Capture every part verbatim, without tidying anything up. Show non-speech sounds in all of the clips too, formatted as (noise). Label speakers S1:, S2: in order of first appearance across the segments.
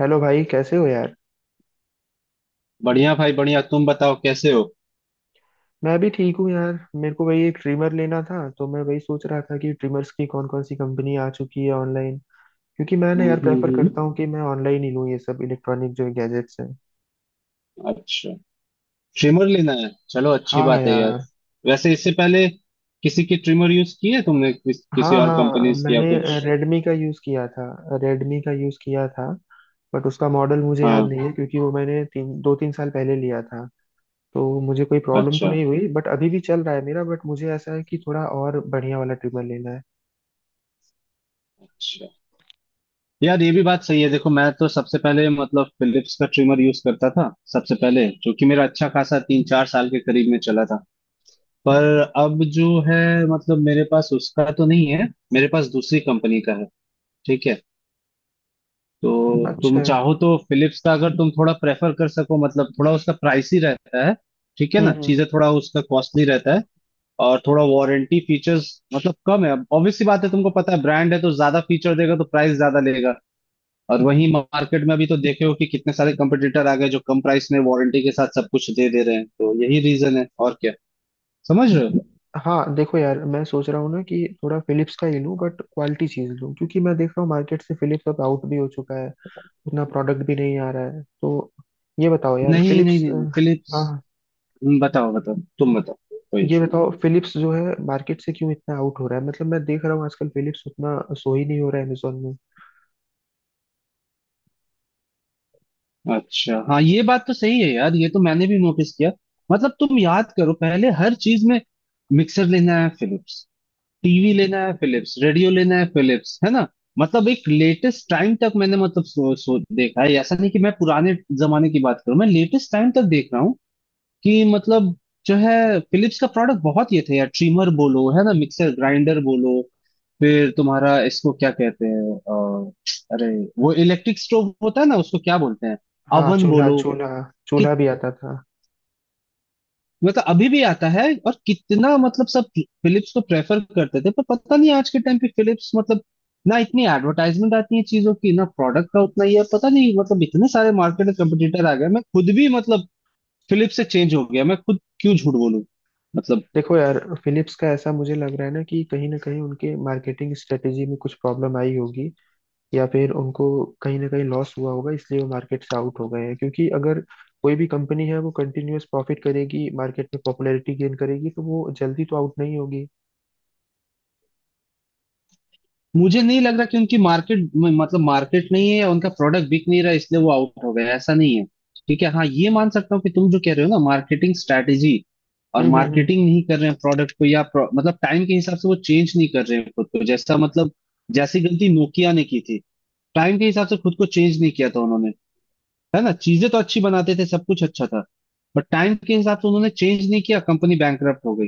S1: Hello भाई, कैसे हो यार।
S2: बढ़िया भाई बढ़िया। तुम बताओ कैसे हो।
S1: मैं भी ठीक हूँ यार। मेरे को वही एक ट्रिमर लेना था, तो मैं वही सोच रहा था कि ट्रिमर्स की कौन कौन सी कंपनी आ चुकी है ऑनलाइन। क्योंकि मैं ना
S2: हम्म
S1: यार
S2: हम्म
S1: प्रेफर
S2: हम्म।
S1: करता हूँ कि मैं ऑनलाइन ही लूँ ये सब इलेक्ट्रॉनिक जो गैजेट्स हैं।
S2: अच्छा, ट्रिमर लेना है, चलो अच्छी
S1: हाँ
S2: बात है यार।
S1: यार।
S2: वैसे इससे पहले किसी की ट्रिमर यूज की है तुमने, किस, किसी
S1: हाँ
S2: और
S1: हाँ,
S2: कंपनीज की या
S1: मैंने
S2: कुछ?
S1: रेडमी का यूज़ किया था रेडमी का यूज़ किया था। बट उसका मॉडल मुझे याद
S2: हाँ।
S1: नहीं है क्योंकि वो मैंने तीन दो तीन साल पहले लिया था। तो मुझे कोई प्रॉब्लम तो
S2: अच्छा,
S1: नहीं हुई, बट अभी भी चल रहा है मेरा। बट मुझे ऐसा है कि थोड़ा और बढ़िया वाला ट्रिमर लेना है।
S2: अच्छा यार, ये भी बात सही है। देखो, मैं तो सबसे पहले मतलब फिलिप्स का ट्रिमर यूज करता था सबसे पहले, जो कि मेरा अच्छा खासा तीन चार साल के करीब में चला था। पर अब जो है, मतलब मेरे पास उसका तो नहीं है, मेरे पास दूसरी कंपनी का है। ठीक है, तो तुम
S1: अच्छा।
S2: चाहो तो फिलिप्स का अगर तुम थोड़ा प्रेफर कर सको, मतलब थोड़ा उसका प्राइस ही रहता है। ठीक है ना,
S1: हम्म।
S2: चीजें थोड़ा उसका कॉस्टली रहता है। और थोड़ा वारंटी फीचर्स मतलब कम है। अब ऑब्वियस सी बात है, तुमको पता है, ब्रांड है तो ज्यादा फीचर देगा तो प्राइस ज्यादा लेगा। और वहीं मार्केट में अभी तो देखे हो कि कितने सारे कंपटीटर आ गए जो कम प्राइस में वारंटी के साथ सब कुछ दे दे रहे हैं, तो यही रीजन है और क्या। समझ रहे हो?
S1: हाँ देखो यार, मैं सोच रहा हूँ ना कि थोड़ा फिलिप्स का ही लूँ, बट क्वालिटी चीज़ लूँ, क्योंकि मैं देख रहा हूँ मार्केट से फिलिप्स अब आउट भी हो चुका है। उतना प्रोडक्ट भी नहीं आ रहा है। तो ये बताओ यार
S2: नहीं नहीं
S1: फिलिप्स।
S2: नहीं, नहीं फिलिप्स
S1: हाँ,
S2: बताओ, बताओ तुम बताओ। कोई
S1: ये
S2: इशू?
S1: बताओ फिलिप्स जो है मार्केट से क्यों इतना आउट हो रहा है, मतलब मैं देख रहा हूँ आजकल फिलिप्स उतना सो ही नहीं हो रहा है अमेजोन में।
S2: अच्छा हाँ, ये बात तो सही है यार, ये तो मैंने भी नोटिस किया। मतलब तुम याद करो, पहले हर चीज में मिक्सर लेना है फिलिप्स, टीवी लेना है फिलिप्स, रेडियो लेना है फिलिप्स, है ना। मतलब एक लेटेस्ट टाइम तक मैंने मतलब सो, सो देखा है, ऐसा नहीं कि मैं पुराने जमाने की बात करूं, मैं लेटेस्ट टाइम तक देख रहा हूँ कि मतलब जो है फिलिप्स का प्रोडक्ट बहुत ये थे यार। ट्रिमर बोलो, है ना, मिक्सर ग्राइंडर बोलो, फिर तुम्हारा इसको क्या कहते हैं अ, अरे वो इलेक्ट्रिक स्टोव होता है ना, उसको क्या बोलते हैं,
S1: हाँ,
S2: अवन
S1: चूल्हा
S2: बोलो।
S1: चूल्हा।
S2: कि
S1: चूल्हा भी आता था।
S2: मतलब अभी भी आता है और कितना, मतलब सब फिलिप्स को प्रेफर करते थे। पर पता नहीं आज के टाइम पे फिलिप्स मतलब ना इतनी एडवर्टाइजमेंट आती है चीजों की, ना प्रोडक्ट का उतना ही है। पता नहीं, मतलब इतने सारे मार्केट में कंपटीटर आ गए। मैं खुद भी मतलब फिलिप्स से चेंज हो गया, मैं खुद क्यों झूठ बोलूं। मतलब
S1: देखो यार, फिलिप्स का ऐसा मुझे लग रहा है ना कि कहीं ना कहीं उनके मार्केटिंग स्ट्रेटेजी में कुछ प्रॉब्लम आई होगी, या फिर उनको कहीं ना कहीं लॉस हुआ होगा, इसलिए वो मार्केट से आउट हो गए हैं। क्योंकि अगर कोई भी कंपनी है, वो कंटिन्यूअस प्रॉफिट करेगी, मार्केट में पॉपुलैरिटी गेन करेगी, तो वो जल्दी तो आउट नहीं होगी।
S2: मुझे नहीं लग रहा कि उनकी मार्केट, मतलब मार्केट नहीं है उनका, प्रोडक्ट बिक नहीं रहा इसलिए वो आउट हो गया, ऐसा नहीं है। ठीक है, हाँ ये मान सकता हूँ कि तुम जो कह रहे हो ना, मार्केटिंग स्ट्रैटेजी और
S1: हम्म हम्म
S2: मार्केटिंग
S1: हम्म।
S2: नहीं कर रहे हैं प्रोडक्ट को, या pro- मतलब टाइम के हिसाब से वो चेंज नहीं कर रहे हैं खुद को, जैसा मतलब जैसी गलती नोकिया ने की थी। टाइम के हिसाब से खुद को चेंज नहीं किया था उन्होंने, है ना। चीजें तो अच्छी बनाते थे, सब कुछ अच्छा था, बट टाइम के हिसाब से उन्होंने चेंज नहीं किया, कंपनी बैंकरप्ट हो गई,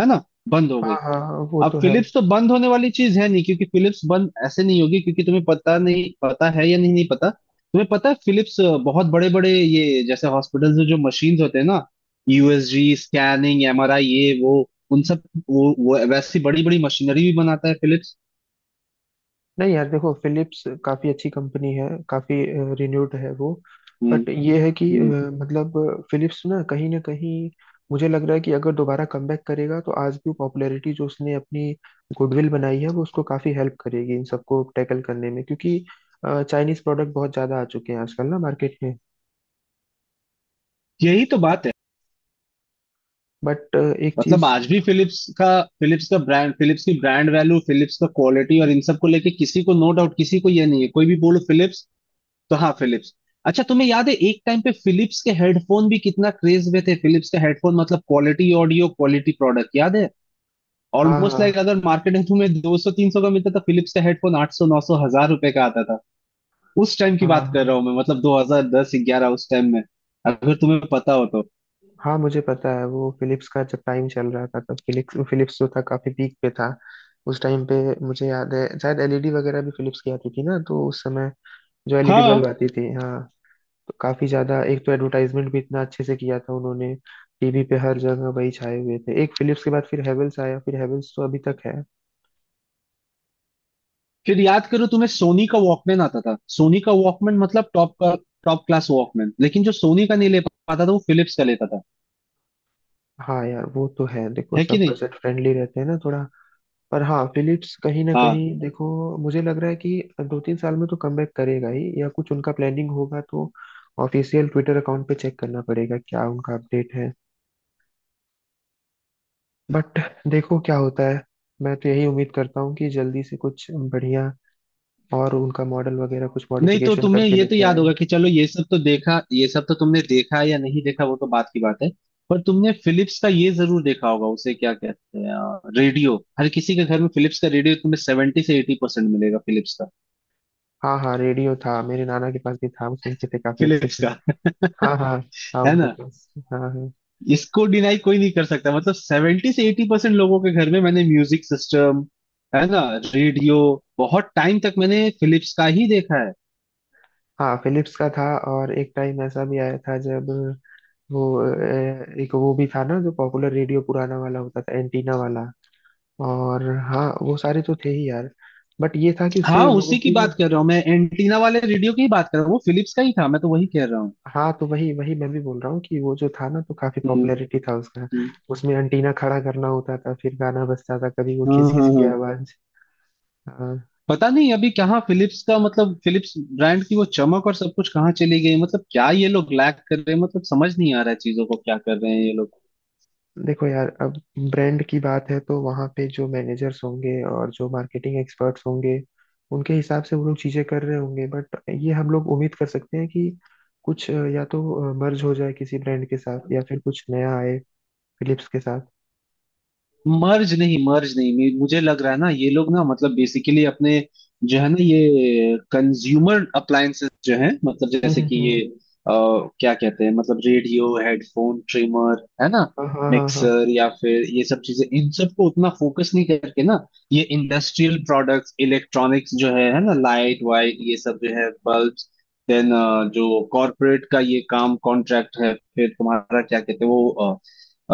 S2: है ना, बंद हो गई।
S1: हाँ हाँ, वो
S2: अब
S1: तो है।
S2: फिलिप्स तो बंद होने वाली चीज है नहीं, क्योंकि फिलिप्स बंद ऐसे नहीं होगी। क्योंकि तुम्हें पता नहीं, पता है या नहीं, नहीं पता, तुम्हें पता है, फिलिप्स बहुत बड़े बड़े ये जैसे हॉस्पिटल्स में जो मशीन्स होते हैं ना, यूएसजी स्कैनिंग एमआरआई, ये वो, उन सब, वो, वो वैसी बड़ी बड़ी मशीनरी भी बनाता है फिलिप्स।
S1: नहीं यार, देखो फिलिप्स काफी अच्छी कंपनी है, काफी रिन्यूड है वो।
S2: हम्म
S1: बट ये है कि अ,
S2: हम्म।
S1: मतलब फिलिप्स ना कहीं ना कहीं मुझे लग रहा है कि अगर दोबारा कमबैक करेगा तो आज भी पॉपुलैरिटी जो उसने अपनी गुडविल बनाई है वो उसको काफी हेल्प करेगी इन सबको टैकल करने में। क्योंकि चाइनीज प्रोडक्ट बहुत ज्यादा आ चुके हैं आजकल ना मार्केट में।
S2: यही तो बात है।
S1: बट एक
S2: मतलब
S1: चीज।
S2: आज भी फिलिप्स का, फिलिप्स का ब्रांड, फिलिप्स की ब्रांड वैल्यू, फिलिप्स का क्वालिटी, और इन सब को लेके किसी को नो डाउट, किसी को ये नहीं है, कोई भी बोलो फिलिप्स, तो हाँ फिलिप्स। अच्छा, तुम्हें याद है एक टाइम पे फिलिप्स के हेडफोन भी कितना क्रेज में थे? फिलिप्स के हेडफोन मतलब क्वालिटी, ऑडियो क्वालिटी प्रोडक्ट, याद है?
S1: हाँ
S2: ऑलमोस्ट लाइक
S1: हाँ
S2: अगर मार्केट में तुम्हें दो सौ तीन सौ का मिलता था, फिलिप्स का हेडफोन आठ सौ नौ सौ हजार रुपए का आता था। उस टाइम की
S1: हाँ
S2: बात कर
S1: हाँ।
S2: रहा हूँ मैं, मतलब दो हज़ार दस ग्यारह उस टाइम में, अगर तुम्हें पता हो तो।
S1: हाँ, मुझे पता है, वो फिलिप्स का जब टाइम चल रहा था, तब फिलिप्स फिलिप्स जो था काफी पीक पे था उस टाइम पे। मुझे याद है शायद एल ई डी वगैरह भी फिलिप्स की आती थी ना, तो उस समय जो एल ई डी
S2: हाँ,
S1: बल्ब आती थी, हाँ। तो काफी ज्यादा, एक तो एडवर्टाइजमेंट भी इतना अच्छे से किया था उन्होंने। टी वी पे हर जगह वही छाए हुए थे। एक फिलिप्स के बाद फिर हैवेल्स आया, फिर हैवेल्स तो अभी तक है।
S2: फिर याद करो तुम्हें सोनी का वॉकमैन आता था, सोनी का वॉकमैन मतलब टॉप का, टॉप क्लास वॉकमैन। लेकिन जो सोनी का नहीं ले पाता था, वो फिलिप्स का लेता था,
S1: हाँ यार, वो तो है, देखो
S2: है कि
S1: सब
S2: नहीं।
S1: बजट फ्रेंडली रहते हैं ना थोड़ा। पर हाँ, फिलिप्स कहीं ना
S2: हाँ।
S1: कहीं, देखो मुझे लग रहा है कि दो तीन साल में तो कमबैक करेगा ही, या कुछ उनका प्लानिंग होगा, तो ऑफिशियल ट्विटर अकाउंट पे चेक करना पड़ेगा क्या उनका अपडेट है। बट देखो क्या होता है। मैं तो यही उम्मीद करता हूँ कि जल्दी से कुछ बढ़िया, और उनका मॉडल वगैरह कुछ
S2: नहीं तो,
S1: मॉडिफिकेशन
S2: तुम्हें
S1: करके
S2: ये तो
S1: लेके
S2: याद
S1: आए।
S2: होगा कि, चलो ये सब तो देखा, ये सब तो तुमने देखा या नहीं देखा, वो तो बात की बात है, पर तुमने फिलिप्स का ये जरूर देखा होगा, उसे क्या कहते हैं, रेडियो। हर किसी के घर में फिलिप्स का रेडियो तुम्हें सेवेंटी से एटी परसेंट मिलेगा, फिलिप्स का।
S1: हाँ हाँ, रेडियो था, मेरे नाना के पास भी था, हम सुनते थे काफी अच्छे
S2: फिलिप्स
S1: से।
S2: का (laughs)
S1: हाँ हाँ, था
S2: है
S1: उनके
S2: ना।
S1: पास, हाँ हाँ।
S2: इसको डिनाई कोई नहीं कर सकता। मतलब सेवेंटी से एटी परसेंट लोगों के घर में मैंने म्यूजिक सिस्टम, है ना, रेडियो, बहुत टाइम तक मैंने फिलिप्स का ही देखा है।
S1: हाँ, फिलिप्स का था। और एक टाइम ऐसा भी आया था जब वो अ, एक वो भी था ना, जो पॉपुलर रेडियो पुराना वाला होता था, एंटीना वाला। और हाँ, वो सारे तो थे ही यार। बट ये था कि
S2: हाँ,
S1: उससे लोगों
S2: उसी की
S1: की
S2: बात
S1: ना।
S2: कर रहा हूँ मैं, एंटीना वाले रेडियो की ही बात कर रहा हूँ, वो फिलिप्स का ही था, मैं तो वही कह रहा
S1: हाँ, तो वही वही मैं भी बोल रहा हूँ कि वो जो था ना, तो काफी
S2: हूँ।
S1: पॉपुलैरिटी था उसका।
S2: हम्म,
S1: उसमें एंटीना खड़ा करना होता था, फिर गाना बजता था, कभी वो
S2: हाँ
S1: खिस
S2: हाँ
S1: खिस की
S2: हाँ।
S1: आवाज।
S2: पता नहीं अभी कहाँ फिलिप्स का, मतलब फिलिप्स ब्रांड की वो चमक और सब कुछ कहाँ चली गई, मतलब क्या ये लोग लैक कर रहे हैं, मतलब समझ नहीं आ रहा है, चीजों को क्या कर रहे हैं ये लोग।
S1: देखो यार, अब ब्रांड की बात है तो वहाँ पे जो मैनेजर्स होंगे और जो मार्केटिंग एक्सपर्ट्स होंगे, उनके हिसाब से वो लोग चीजें कर रहे होंगे। बट ये हम लोग उम्मीद कर सकते हैं कि कुछ अ, या तो मर्ज हो जाए किसी ब्रांड के साथ, या फिर कुछ नया आए फिलिप्स के साथ।
S2: मर्ज नहीं मर्ज नहीं मे- मुझे लग रहा है ना ये लोग ना, मतलब बेसिकली अपने जो है ना ये कंज्यूमर अप्लायंसेस जो है, मतलब जैसे
S1: हम्म
S2: कि
S1: हम्म।
S2: ये अ, क्या कहते हैं, मतलब रेडियो, हेडफोन, ट्रिमर, है ना,
S1: हाँ हाँ हाँ हाँ।
S2: मिक्सर, या फिर ये सब चीजें, इन सब को उतना फोकस नहीं करके ना, ये इंडस्ट्रियल प्रोडक्ट्स, इलेक्ट्रॉनिक्स जो है है ना, लाइट वाइट ये सब जो है, बल्ब, देन जो कॉरपोरेट का ये काम कॉन्ट्रैक्ट है, फिर तुम्हारा क्या कहते हैं वो,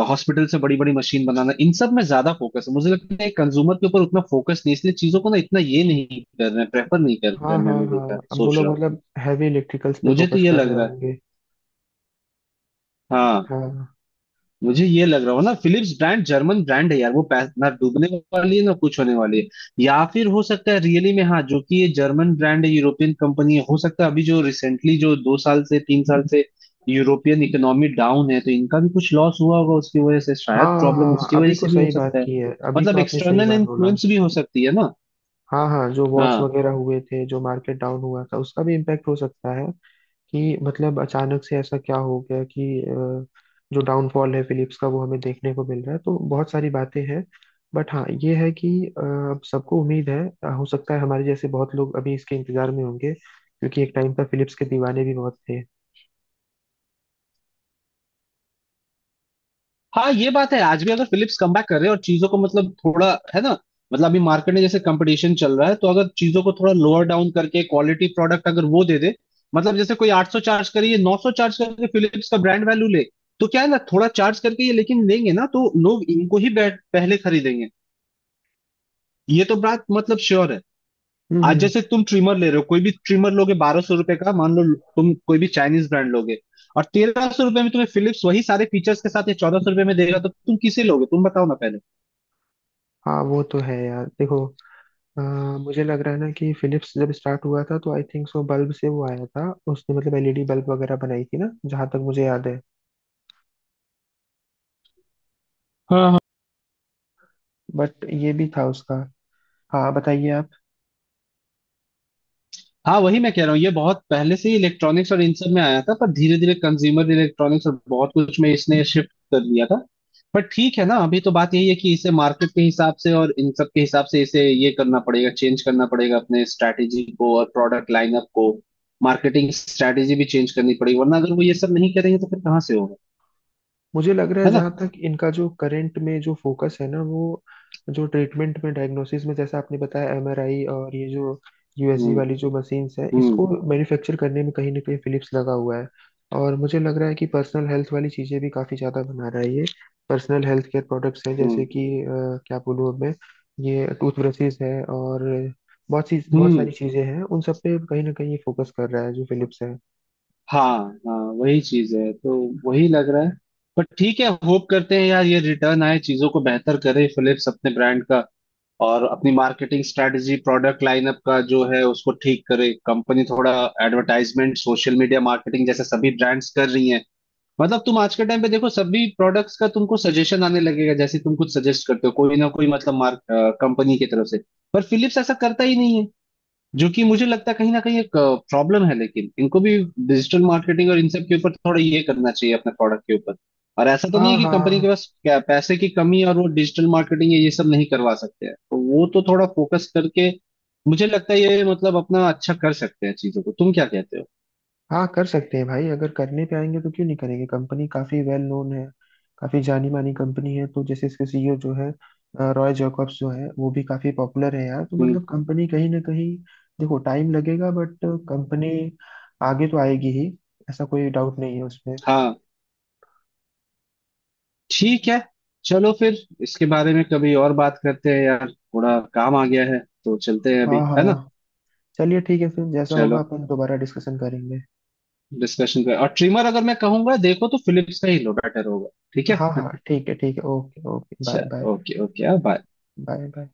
S2: हॉस्पिटल से बड़ी बड़ी मशीन बनाना, इन सब में ज्यादा फोकस है, मुझे लगता है कंज्यूमर के ऊपर उतना फोकस नहीं, इसलिए चीजों को ना इतना ये नहीं कर रहे हैं, प्रेफर नहीं कर
S1: हाँ
S2: रहे हैं,
S1: हाँ
S2: मैंने
S1: हाँ,
S2: देखा,
S1: अब वो
S2: सोच रहा
S1: लोग
S2: हूँ।
S1: मतलब हैवी इलेक्ट्रिकल्स पे
S2: मुझे तो
S1: फोकस
S2: ये
S1: कर
S2: लग
S1: रहे
S2: रहा है,
S1: होंगे।
S2: हाँ।
S1: हाँ
S2: मुझे ये लग रहा हो ना, फिलिप्स ब्रांड जर्मन ब्रांड है यार, वो पै- ना डूबने वाली है ना कुछ होने वाली है, या फिर हो सकता है रियली में, हाँ, जो कि ये जर्मन ब्रांड है, यूरोपियन कंपनी है, हो सकता है अभी जो रिसेंटली जो दो साल से तीन साल से यूरोपियन इकोनॉमी डाउन है, तो इनका भी कुछ लॉस हुआ होगा, उसकी वजह से
S1: हाँ
S2: शायद प्रॉब्लम
S1: हाँ हाँ।
S2: उसकी वजह
S1: अभी को
S2: से भी हो
S1: सही बात
S2: सकता है।
S1: की है, अभी को
S2: मतलब
S1: आपने सही
S2: एक्सटर्नल
S1: बात बोला।
S2: इन्फ्लुएंस भी हो सकती है ना।
S1: हाँ हाँ, जो वॉर्स
S2: हाँ।
S1: वगैरह हुए थे, जो मार्केट डाउन हुआ था, उसका भी इम्पैक्ट हो सकता है। कि मतलब अचानक से ऐसा क्या हो गया कि अ, जो डाउनफॉल है फिलिप्स का वो हमें देखने को मिल रहा है, तो बहुत सारी बातें हैं। बट हाँ, ये है कि अ, अब सबको उम्मीद है। अ, हो सकता है हमारे जैसे बहुत लोग अभी इसके इंतजार में होंगे, क्योंकि एक टाइम पर फिलिप्स के दीवाने भी बहुत थे।
S2: हाँ ये बात है, आज भी अगर फिलिप्स कमबैक कर रहे हैं और चीजों को मतलब थोड़ा, है ना, मतलब अभी मार्केट में जैसे कंपटीशन चल रहा है, तो अगर चीजों को थोड़ा लोअर डाउन करके क्वालिटी प्रोडक्ट अगर वो दे दे, मतलब जैसे कोई आठ सौ चार्ज करे, ये नौ सौ चार्ज करके फिलिप्स का ब्रांड वैल्यू ले, तो क्या है ना, थोड़ा चार्ज करके ये, लेकिन लेंगे ना तो लोग इनको ही बैठ- पहले खरीदेंगे, ये तो बात मतलब श्योर है।
S1: हम्म
S2: आज
S1: हम्म।
S2: जैसे तुम ट्रिमर ले रहे हो, कोई भी ट्रिमर लोगे बारह सौ रुपए का मान लो, तुम कोई भी चाइनीज ब्रांड लोगे, और तेरह सौ रुपए में तुम्हें फिलिप्स वही सारे फीचर्स के साथ, ये चौदह सौ रुपए में देगा, तो तुम किसे लोगे, तुम बताओ ना पहले।
S1: हाँ वो तो है यार, देखो अ, मुझे लग रहा है ना कि फिलिप्स जब स्टार्ट हुआ था, तो आई थिंक सो बल्ब से वो आया था, उसने मतलब एल ई डी बल्ब वगैरह बनाई थी ना, जहां तक मुझे याद है।
S2: हाँ।
S1: बट ये भी था उसका। हाँ, बताइए आप।
S2: हाँ वही मैं कह रहा हूँ, ये बहुत पहले से ही इलेक्ट्रॉनिक्स और इन सब में आया था, पर धीरे धीरे कंज्यूमर इलेक्ट्रॉनिक्स और बहुत कुछ में इसने शिफ्ट कर लिया था। पर ठीक है ना, अभी तो बात यही है कि इसे मार्केट के हिसाब से और इन सब के हिसाब से इसे ये करना पड़ेगा, चेंज करना पड़ेगा अपने स्ट्रैटेजी को और प्रोडक्ट लाइनअप को, मार्केटिंग स्ट्रैटेजी भी चेंज करनी पड़ेगी, वरना अगर वो ये सब नहीं करेंगे तो फिर कहाँ से होगा,
S1: मुझे लग रहा है
S2: है ना।
S1: जहां तक इनका जो करंट में जो फोकस है ना वो, जो ट्रीटमेंट में डायग्नोसिस में, जैसा आपने बताया, एम आर आई और ये जो यू एस जी
S2: हम्म
S1: वाली जो मशीन्स है, इसको
S2: हम्म
S1: मैन्युफैक्चर करने में कहीं ना कहीं फिलिप्स लगा हुआ है। और मुझे लग रहा है कि पर्सनल हेल्थ वाली चीजें भी काफी ज्यादा बना रहा है ये। पर्सनल हेल्थ केयर प्रोडक्ट्स हैं, जैसे
S2: हम्म
S1: कि अ, क्या बोलूँ मैं, ये टूथब्रशेस है, और बहुत सी बहुत
S2: हम्म
S1: सारी चीजें हैं, उन सब पे कहीं ना कहीं ये फोकस कर रहा है जो फिलिप्स है।
S2: हाँ, हाँ वही चीज है तो, वही लग रहा है। बट ठीक है, होप करते हैं यार ये रिटर्न आए, चीजों को बेहतर करे फिलिप्स, अपने ब्रांड का और अपनी मार्केटिंग स्ट्रेटजी प्रोडक्ट लाइनअप का जो है उसको ठीक करे कंपनी, थोड़ा एडवर्टाइजमेंट सोशल मीडिया मार्केटिंग जैसे सभी ब्रांड्स कर रही हैं। मतलब तुम आज के टाइम पे देखो, सभी प्रोडक्ट्स का तुमको सजेशन आने लगेगा, जैसे तुम कुछ सजेस्ट करते हो, कोई ना कोई, मतलब मार्क कंपनी की तरफ से, पर फिलिप्स ऐसा करता ही नहीं है, जो कि मुझे लगता है कहीं ना कहीं एक प्रॉब्लम है। लेकिन इनको भी डिजिटल मार्केटिंग और इन सब के ऊपर थोड़ा ये करना चाहिए अपने प्रोडक्ट के ऊपर, और ऐसा तो नहीं
S1: हाँ
S2: है कि कंपनी
S1: हाँ
S2: के पास क्या पैसे की कमी है और वो डिजिटल मार्केटिंग ये सब नहीं करवा सकते हैं, तो वो तो थोड़ा फोकस करके मुझे लगता है ये मतलब अपना अच्छा कर सकते हैं चीजों को, तुम क्या कहते हो।
S1: हाँ, कर सकते हैं भाई, अगर करने पे आएंगे तो क्यों नहीं करेंगे। कंपनी काफी वेल नोन है, काफी जानी मानी कंपनी है। तो जैसे इसके सी ई ओ जो है, अ, रॉय जैकब्स जो है वो भी काफी पॉपुलर है यार। तो
S2: हम्म।
S1: मतलब कंपनी कहीं ना कहीं, देखो टाइम लगेगा, बट कंपनी आगे तो आएगी ही। ऐसा कोई डाउट नहीं है उसमें।
S2: हाँ ठीक है। चलो फिर, इसके बारे में कभी और बात करते हैं यार, थोड़ा काम आ गया है तो चलते हैं
S1: हाँ
S2: अभी,
S1: हाँ
S2: है ना।
S1: हाँ। चलिए ठीक है, फिर जैसा होगा
S2: चलो,
S1: अपन दोबारा डिस्कशन करेंगे।
S2: डिस्कशन पे, और ट्रिमर अगर मैं कहूंगा देखो तो फिलिप्स का ही लो, बेटर होगा। ठीक है,
S1: हाँ हाँ, ठीक है ठीक है, ओके ओके, बाय
S2: चल,
S1: bye.
S2: Okay okay, bye.
S1: Bye bye.